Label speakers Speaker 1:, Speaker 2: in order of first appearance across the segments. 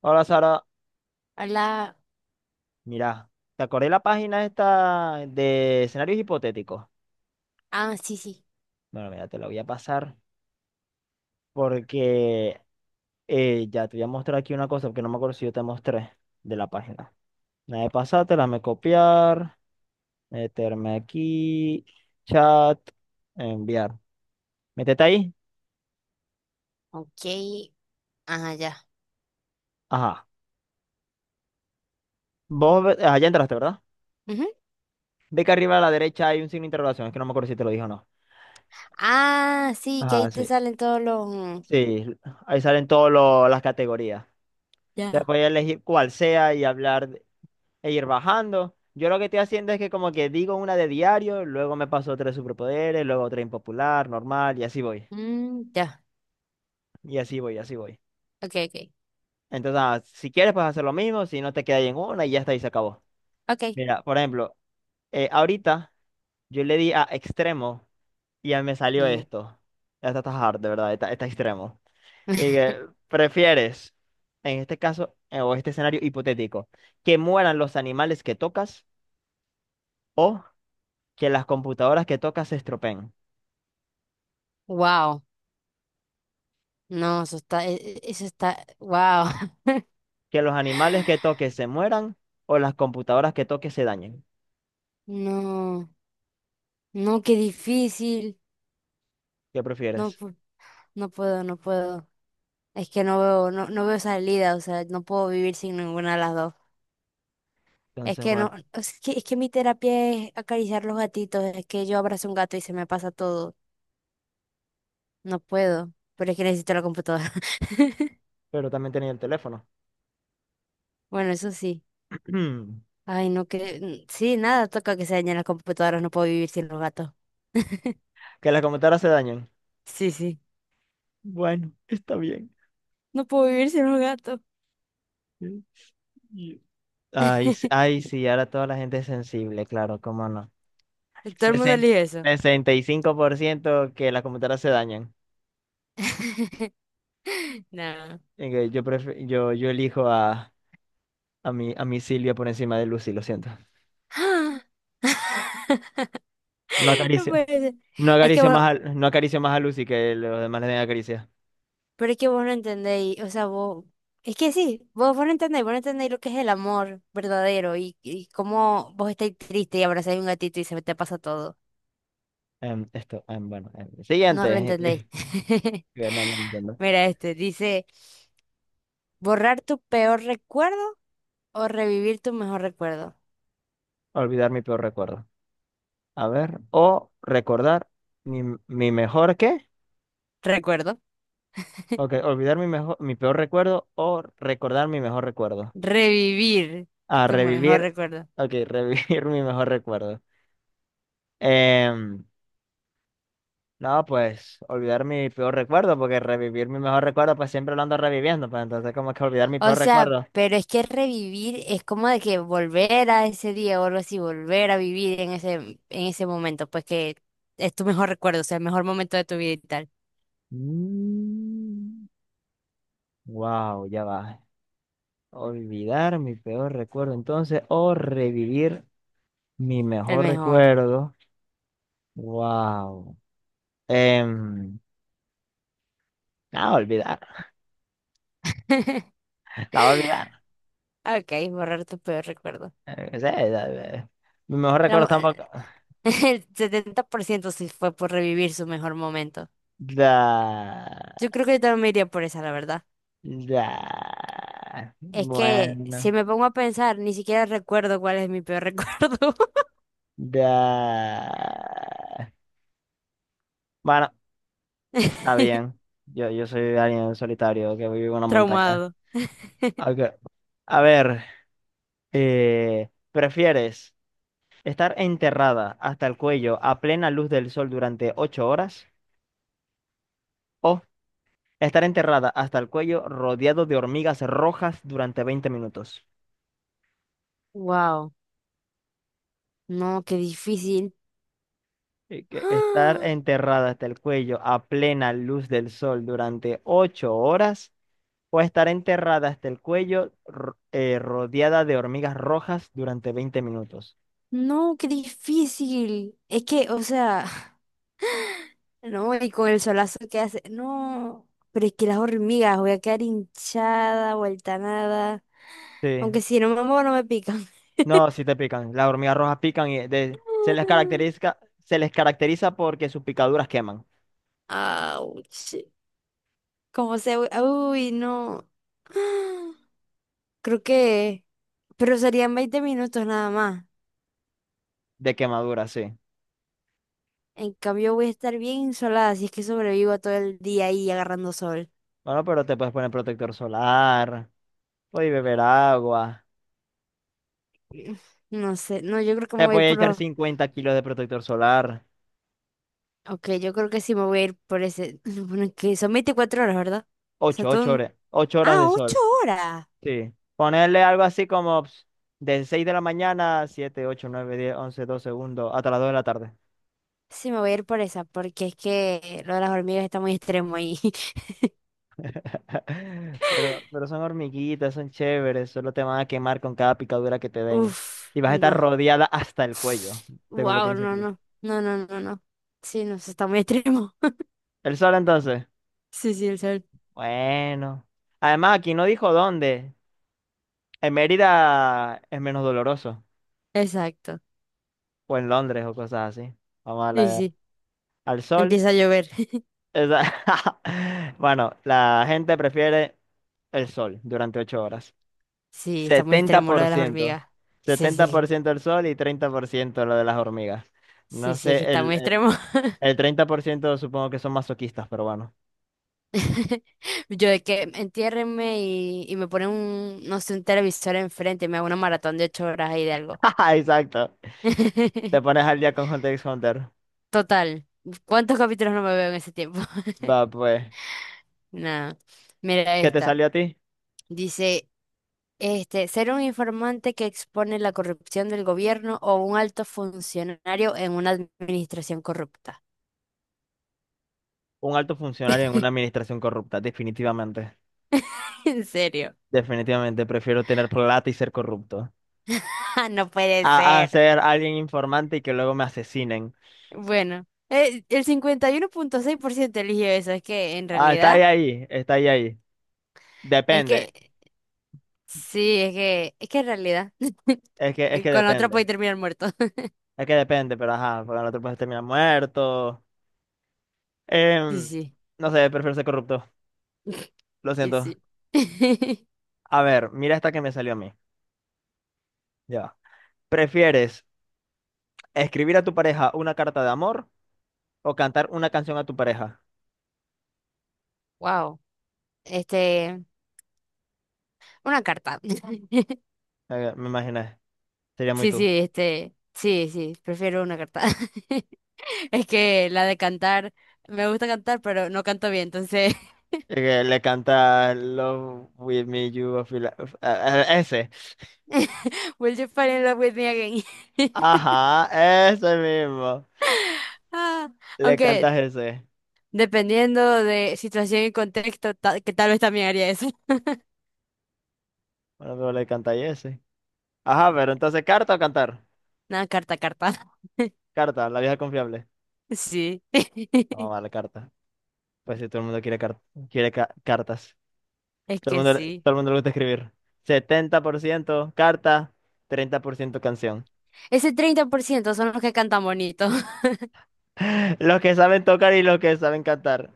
Speaker 1: Hola Sara,
Speaker 2: Hola.
Speaker 1: mira, ¿te acordé la página esta de escenarios hipotéticos?
Speaker 2: Ah, sí, sí.
Speaker 1: Bueno, mira, te la voy a pasar porque ya te voy a mostrar aquí una cosa porque no me acuerdo si yo te mostré de la página. Nada de pasártela, me copiar, meterme aquí, chat, enviar. Métete ahí.
Speaker 2: Ok. Ah, ya.
Speaker 1: Ajá. Vos, ah, ya entraste, ¿verdad?
Speaker 2: Ujú.
Speaker 1: Ve que arriba a la derecha hay un signo de interrogación, es que no me acuerdo si te lo dije o no.
Speaker 2: Ah, sí, que ahí
Speaker 1: Ajá,
Speaker 2: te
Speaker 1: sí.
Speaker 2: salen todos los...
Speaker 1: Sí, ahí salen todas las categorías. Te
Speaker 2: Ya.
Speaker 1: puedes elegir cuál sea y hablar e ir bajando. Yo lo que estoy haciendo es que como que digo una de diario, luego me paso otra de superpoderes, luego otra impopular, normal, y así voy.
Speaker 2: Mm, ya.
Speaker 1: Y así voy, y así voy.
Speaker 2: Ok, ok.
Speaker 1: Entonces, si quieres, puedes hacer lo mismo, si no te quedas ahí en una y ya está, y se acabó.
Speaker 2: Ok.
Speaker 1: Mira, por ejemplo, ahorita yo le di a extremo y ya me salió
Speaker 2: Ujú.
Speaker 1: esto. Esta está hard, de verdad, está extremo. Y que, ¿prefieres, en este caso, o este escenario hipotético, que mueran los animales que tocas o que las computadoras que tocas se estropeen?
Speaker 2: Wow. No, eso está... Eso está... Wow.
Speaker 1: ¿Que los animales que toques se mueran o las computadoras que toques se dañen?
Speaker 2: No. No, qué difícil.
Speaker 1: ¿Qué
Speaker 2: No,
Speaker 1: prefieres?
Speaker 2: no puedo, no puedo. Es que no veo, no, no veo salida, o sea, no puedo vivir sin ninguna de las dos. Es
Speaker 1: Entonces,
Speaker 2: que no,
Speaker 1: bueno,
Speaker 2: es que mi terapia es acariciar los gatitos, es que yo abrazo un gato y se me pasa todo. No puedo, pero es que necesito la computadora.
Speaker 1: pero también tenía el teléfono.
Speaker 2: Bueno, eso sí. Ay, no que... Sí, nada, toca que se dañen las computadoras, no puedo vivir sin los gatos.
Speaker 1: ¿Que las computadoras se dañen?
Speaker 2: Sí, sí.
Speaker 1: Bueno, está bien.
Speaker 2: No puedo vivir sin los gatos.
Speaker 1: Sí. Y- Ay, ay, sí, ahora toda la gente es sensible, claro, cómo no.
Speaker 2: Todo el mundo
Speaker 1: Sesen-
Speaker 2: elige eso.
Speaker 1: 65% que las computadoras se dañan.
Speaker 2: No.
Speaker 1: Yo elijo a a mi Silvia por encima de Lucy, lo siento.
Speaker 2: ¡Ah!
Speaker 1: No
Speaker 2: No
Speaker 1: acaricio,
Speaker 2: puede ser. Es que vos,
Speaker 1: no acaricio más a Lucy que los demás le den acaricia.
Speaker 2: pero es que vos no entendéis, o sea, vos, es que sí, vos no entendéis, vos no entendéis lo que es el amor verdadero y cómo vos estáis triste y abrazáis un gatito y se te pasa todo.
Speaker 1: Em, esto, em, bueno, em,
Speaker 2: No lo
Speaker 1: siguiente.
Speaker 2: entendéis.
Speaker 1: Que No, no entiendo.
Speaker 2: Mira este, dice, borrar tu peor recuerdo o revivir tu mejor recuerdo.
Speaker 1: Olvidar mi peor recuerdo. A ver, o recordar mi, mi mejor qué.
Speaker 2: Recuerdo.
Speaker 1: Ok, mi peor recuerdo o recordar mi mejor recuerdo.
Speaker 2: Revivir
Speaker 1: A
Speaker 2: tu mejor
Speaker 1: revivir.
Speaker 2: recuerdo.
Speaker 1: Ok, revivir mi mejor recuerdo. Em, no, pues olvidar mi peor recuerdo, porque revivir mi mejor recuerdo, pues siempre lo ando reviviendo, pues entonces como que olvidar mi
Speaker 2: O
Speaker 1: peor
Speaker 2: sea,
Speaker 1: recuerdo.
Speaker 2: pero es que revivir es como de que volver a ese día o algo así, volver a vivir en ese momento, pues que es tu mejor recuerdo, o sea, el mejor momento de tu vida y tal.
Speaker 1: Mm, wow, ya va. Olvidar mi peor recuerdo, entonces, o revivir mi
Speaker 2: El
Speaker 1: mejor
Speaker 2: mejor.
Speaker 1: recuerdo. Wow. Em, no, olvidar, la voy a olvidar.
Speaker 2: Ok, borrar tu peor recuerdo.
Speaker 1: Qué sé, mi mejor recuerdo tampoco.
Speaker 2: El 70% sí fue por revivir su mejor momento. Yo
Speaker 1: Da,
Speaker 2: creo que yo también me iría por esa, la verdad.
Speaker 1: da.
Speaker 2: Es que si
Speaker 1: Bueno,
Speaker 2: me pongo a pensar, ni siquiera recuerdo cuál es mi peor recuerdo.
Speaker 1: da. Bueno, está bien. Yo soy alguien solitario que vive en una montaña.
Speaker 2: Traumado.
Speaker 1: Ok, a ver, ¿prefieres? Estar enterrada hasta el cuello a plena luz del sol durante ocho horas. O estar enterrada hasta el cuello rodeado de hormigas rojas durante 20 minutos.
Speaker 2: Wow. No, qué difícil.
Speaker 1: Y que estar
Speaker 2: ¡Ah!
Speaker 1: enterrada hasta el cuello a plena luz del sol durante ocho horas. O estar enterrada hasta el cuello rodeada de hormigas rojas durante 20 minutos.
Speaker 2: No, qué difícil. Es que, o sea, no, y con el solazo que hace. No, pero es que las hormigas, voy a quedar hinchada, vuelta a nada.
Speaker 1: Sí.
Speaker 2: Aunque si no me muevo, no me pican.
Speaker 1: No, sí te pican. Las hormigas rojas pican y se les caracteriza porque sus picaduras queman.
Speaker 2: Ouch. Como se... Uy, no. Creo que... Pero serían 20 minutos nada más.
Speaker 1: De quemadura, sí.
Speaker 2: En cambio voy a estar bien insolada si es que sobrevivo todo el día ahí agarrando sol.
Speaker 1: Bueno, pero te puedes poner protector solar, puedes beber agua,
Speaker 2: No sé, no, yo creo que me
Speaker 1: te
Speaker 2: voy a ir
Speaker 1: puedes
Speaker 2: por
Speaker 1: echar
Speaker 2: los...
Speaker 1: 50 kilos de protector solar,
Speaker 2: Ok, yo creo que sí me voy a ir por ese... Bueno, que son 24 horas, ¿verdad? O sea, todo
Speaker 1: ocho
Speaker 2: un...
Speaker 1: horas, 8 horas de
Speaker 2: Ah, ocho
Speaker 1: sol.
Speaker 2: horas.
Speaker 1: Sí. Ponerle algo así como ps, de 6 de la mañana, 7, 8, 9, 10, 11, 12, segundos hasta las 2 de la tarde.
Speaker 2: Sí, me voy a ir por esa, porque es que lo de las hormigas está muy extremo ahí.
Speaker 1: Pero son hormiguitas, son chéveres, solo te van a quemar con cada picadura que te den.
Speaker 2: Uf,
Speaker 1: Y vas a estar
Speaker 2: no.
Speaker 1: rodeada hasta el cuello, según lo que
Speaker 2: Wow,
Speaker 1: dice
Speaker 2: no,
Speaker 1: aquí.
Speaker 2: no, no, no, no, no. Sí, no, eso está muy extremo.
Speaker 1: El sol entonces.
Speaker 2: Sí, sí, el sol.
Speaker 1: Bueno. Además, aquí no dijo dónde. En Mérida es menos doloroso,
Speaker 2: Exacto.
Speaker 1: o en Londres o cosas así. Vamos a
Speaker 2: Sí,
Speaker 1: la-
Speaker 2: sí.
Speaker 1: al sol.
Speaker 2: Empieza a llover.
Speaker 1: Esa- Bueno, la gente prefiere el sol durante ocho horas.
Speaker 2: Sí, está
Speaker 1: Setenta
Speaker 2: muy
Speaker 1: setenta
Speaker 2: extremo lo
Speaker 1: por
Speaker 2: de las
Speaker 1: ciento,
Speaker 2: hormigas. Sí,
Speaker 1: setenta por
Speaker 2: sí.
Speaker 1: ciento el sol y 30% lo de las hormigas.
Speaker 2: Sí,
Speaker 1: No
Speaker 2: sí, es que
Speaker 1: sé,
Speaker 2: está muy extremo.
Speaker 1: el 30% supongo que son masoquistas, pero bueno.
Speaker 2: Yo de que entiérrenme y me ponen un, no sé, un televisor enfrente y me hago una maratón de 8 horas ahí de algo.
Speaker 1: Exacto. Te pones al día con Hunter x Hunter.
Speaker 2: Total. ¿Cuántos capítulos no me veo en ese tiempo?
Speaker 1: Va, pues.
Speaker 2: Nada. Mira
Speaker 1: ¿Qué te
Speaker 2: esta.
Speaker 1: salió a ti?
Speaker 2: Dice. Este, ser un informante que expone la corrupción del gobierno o un alto funcionario en una administración corrupta.
Speaker 1: Un alto funcionario en una administración corrupta, definitivamente.
Speaker 2: ¿En serio?
Speaker 1: Definitivamente prefiero tener plata y ser corrupto.
Speaker 2: Ah, no puede
Speaker 1: A
Speaker 2: ser.
Speaker 1: ser alguien informante y que luego me asesinen.
Speaker 2: Bueno, el 51,6% eligió eso. Es que en
Speaker 1: Ah, está ahí,
Speaker 2: realidad,
Speaker 1: ahí, está ahí, ahí.
Speaker 2: es
Speaker 1: Depende,
Speaker 2: que, sí, es que en realidad,
Speaker 1: es que
Speaker 2: con la otra puede
Speaker 1: depende.
Speaker 2: terminar muerto.
Speaker 1: Es que depende, pero ajá, porque no te puedes terminar muerto.
Speaker 2: Sí,
Speaker 1: Em,
Speaker 2: sí,
Speaker 1: no sé, prefiero ser corrupto. Lo
Speaker 2: y
Speaker 1: siento.
Speaker 2: sí.
Speaker 1: A ver, mira esta que me salió a mí. Ya, va. ¿Prefieres escribir a tu pareja una carta de amor o cantar una canción a tu pareja?
Speaker 2: Wow. Este, una carta.
Speaker 1: Me imaginé, sería muy
Speaker 2: Sí, sí,
Speaker 1: tú.
Speaker 2: este, sí, sí, prefiero una carta. Es que la de cantar, me gusta cantar, pero no canto bien, entonces,
Speaker 1: Y que le canta Love with me, you, ese.
Speaker 2: Will you fall in love with me again?
Speaker 1: Ajá, ese mismo.
Speaker 2: Ah,
Speaker 1: Le cantas
Speaker 2: aunque
Speaker 1: ese.
Speaker 2: dependiendo de situación y contexto, que tal vez también haría eso.
Speaker 1: Bueno, pero le canta ese. Ajá, pero entonces, ¿carta o cantar?
Speaker 2: Nada, carta, carta.
Speaker 1: Carta, la vieja confiable.
Speaker 2: Sí.
Speaker 1: Vamos a darle carta. Pues si todo el mundo quiere, quiere cartas.
Speaker 2: Es
Speaker 1: Todo el
Speaker 2: que
Speaker 1: mundo,
Speaker 2: sí.
Speaker 1: todo el mundo le gusta escribir. 70% carta, 30% canción.
Speaker 2: Ese 30% son los que cantan bonito.
Speaker 1: Los que saben tocar y los que saben cantar.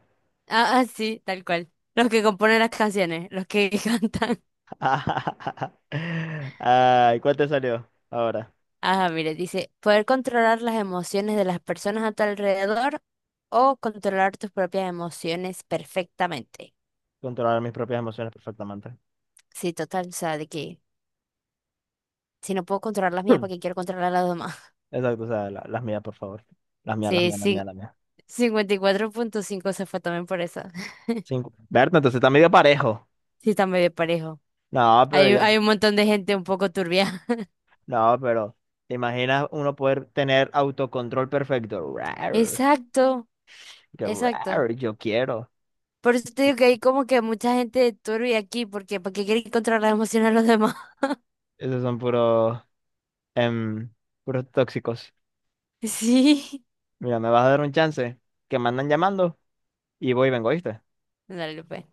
Speaker 2: Ah, ah, sí, tal cual. Los que componen las canciones, los que cantan.
Speaker 1: Ay, ¿cuál te salió? Ahora,
Speaker 2: Ajá, mire, dice, poder controlar las emociones de las personas a tu alrededor o controlar tus propias emociones perfectamente.
Speaker 1: controlar mis propias emociones perfectamente.
Speaker 2: Sí, total, o sea, de que si no puedo controlar las mías, ¿para qué quiero controlar las demás?
Speaker 1: Exacto, o sea, las mías, por favor. Las mías, las
Speaker 2: Sí,
Speaker 1: mías, las mías,
Speaker 2: sí,
Speaker 1: las mías.
Speaker 2: 54,5 se fue también por eso.
Speaker 1: Cinco. Berta, entonces está medio parejo.
Speaker 2: Sí, está medio parejo.
Speaker 1: No, pero
Speaker 2: Hay,
Speaker 1: yo,
Speaker 2: hay un montón de gente un poco turbia.
Speaker 1: no, pero ¿te imaginas uno poder tener autocontrol perfecto? Rar,
Speaker 2: Exacto,
Speaker 1: que
Speaker 2: exacto.
Speaker 1: rar, yo quiero.
Speaker 2: Por eso te digo que hay como que mucha gente turbia aquí, porque ¿para qué quiere controlar las emociones de los demás?
Speaker 1: Esos son puros, em, puros tóxicos.
Speaker 2: Sí.
Speaker 1: Mira, me vas a dar un chance, que me andan llamando y voy y vengo, ¿oíste?
Speaker 2: Dale, pues.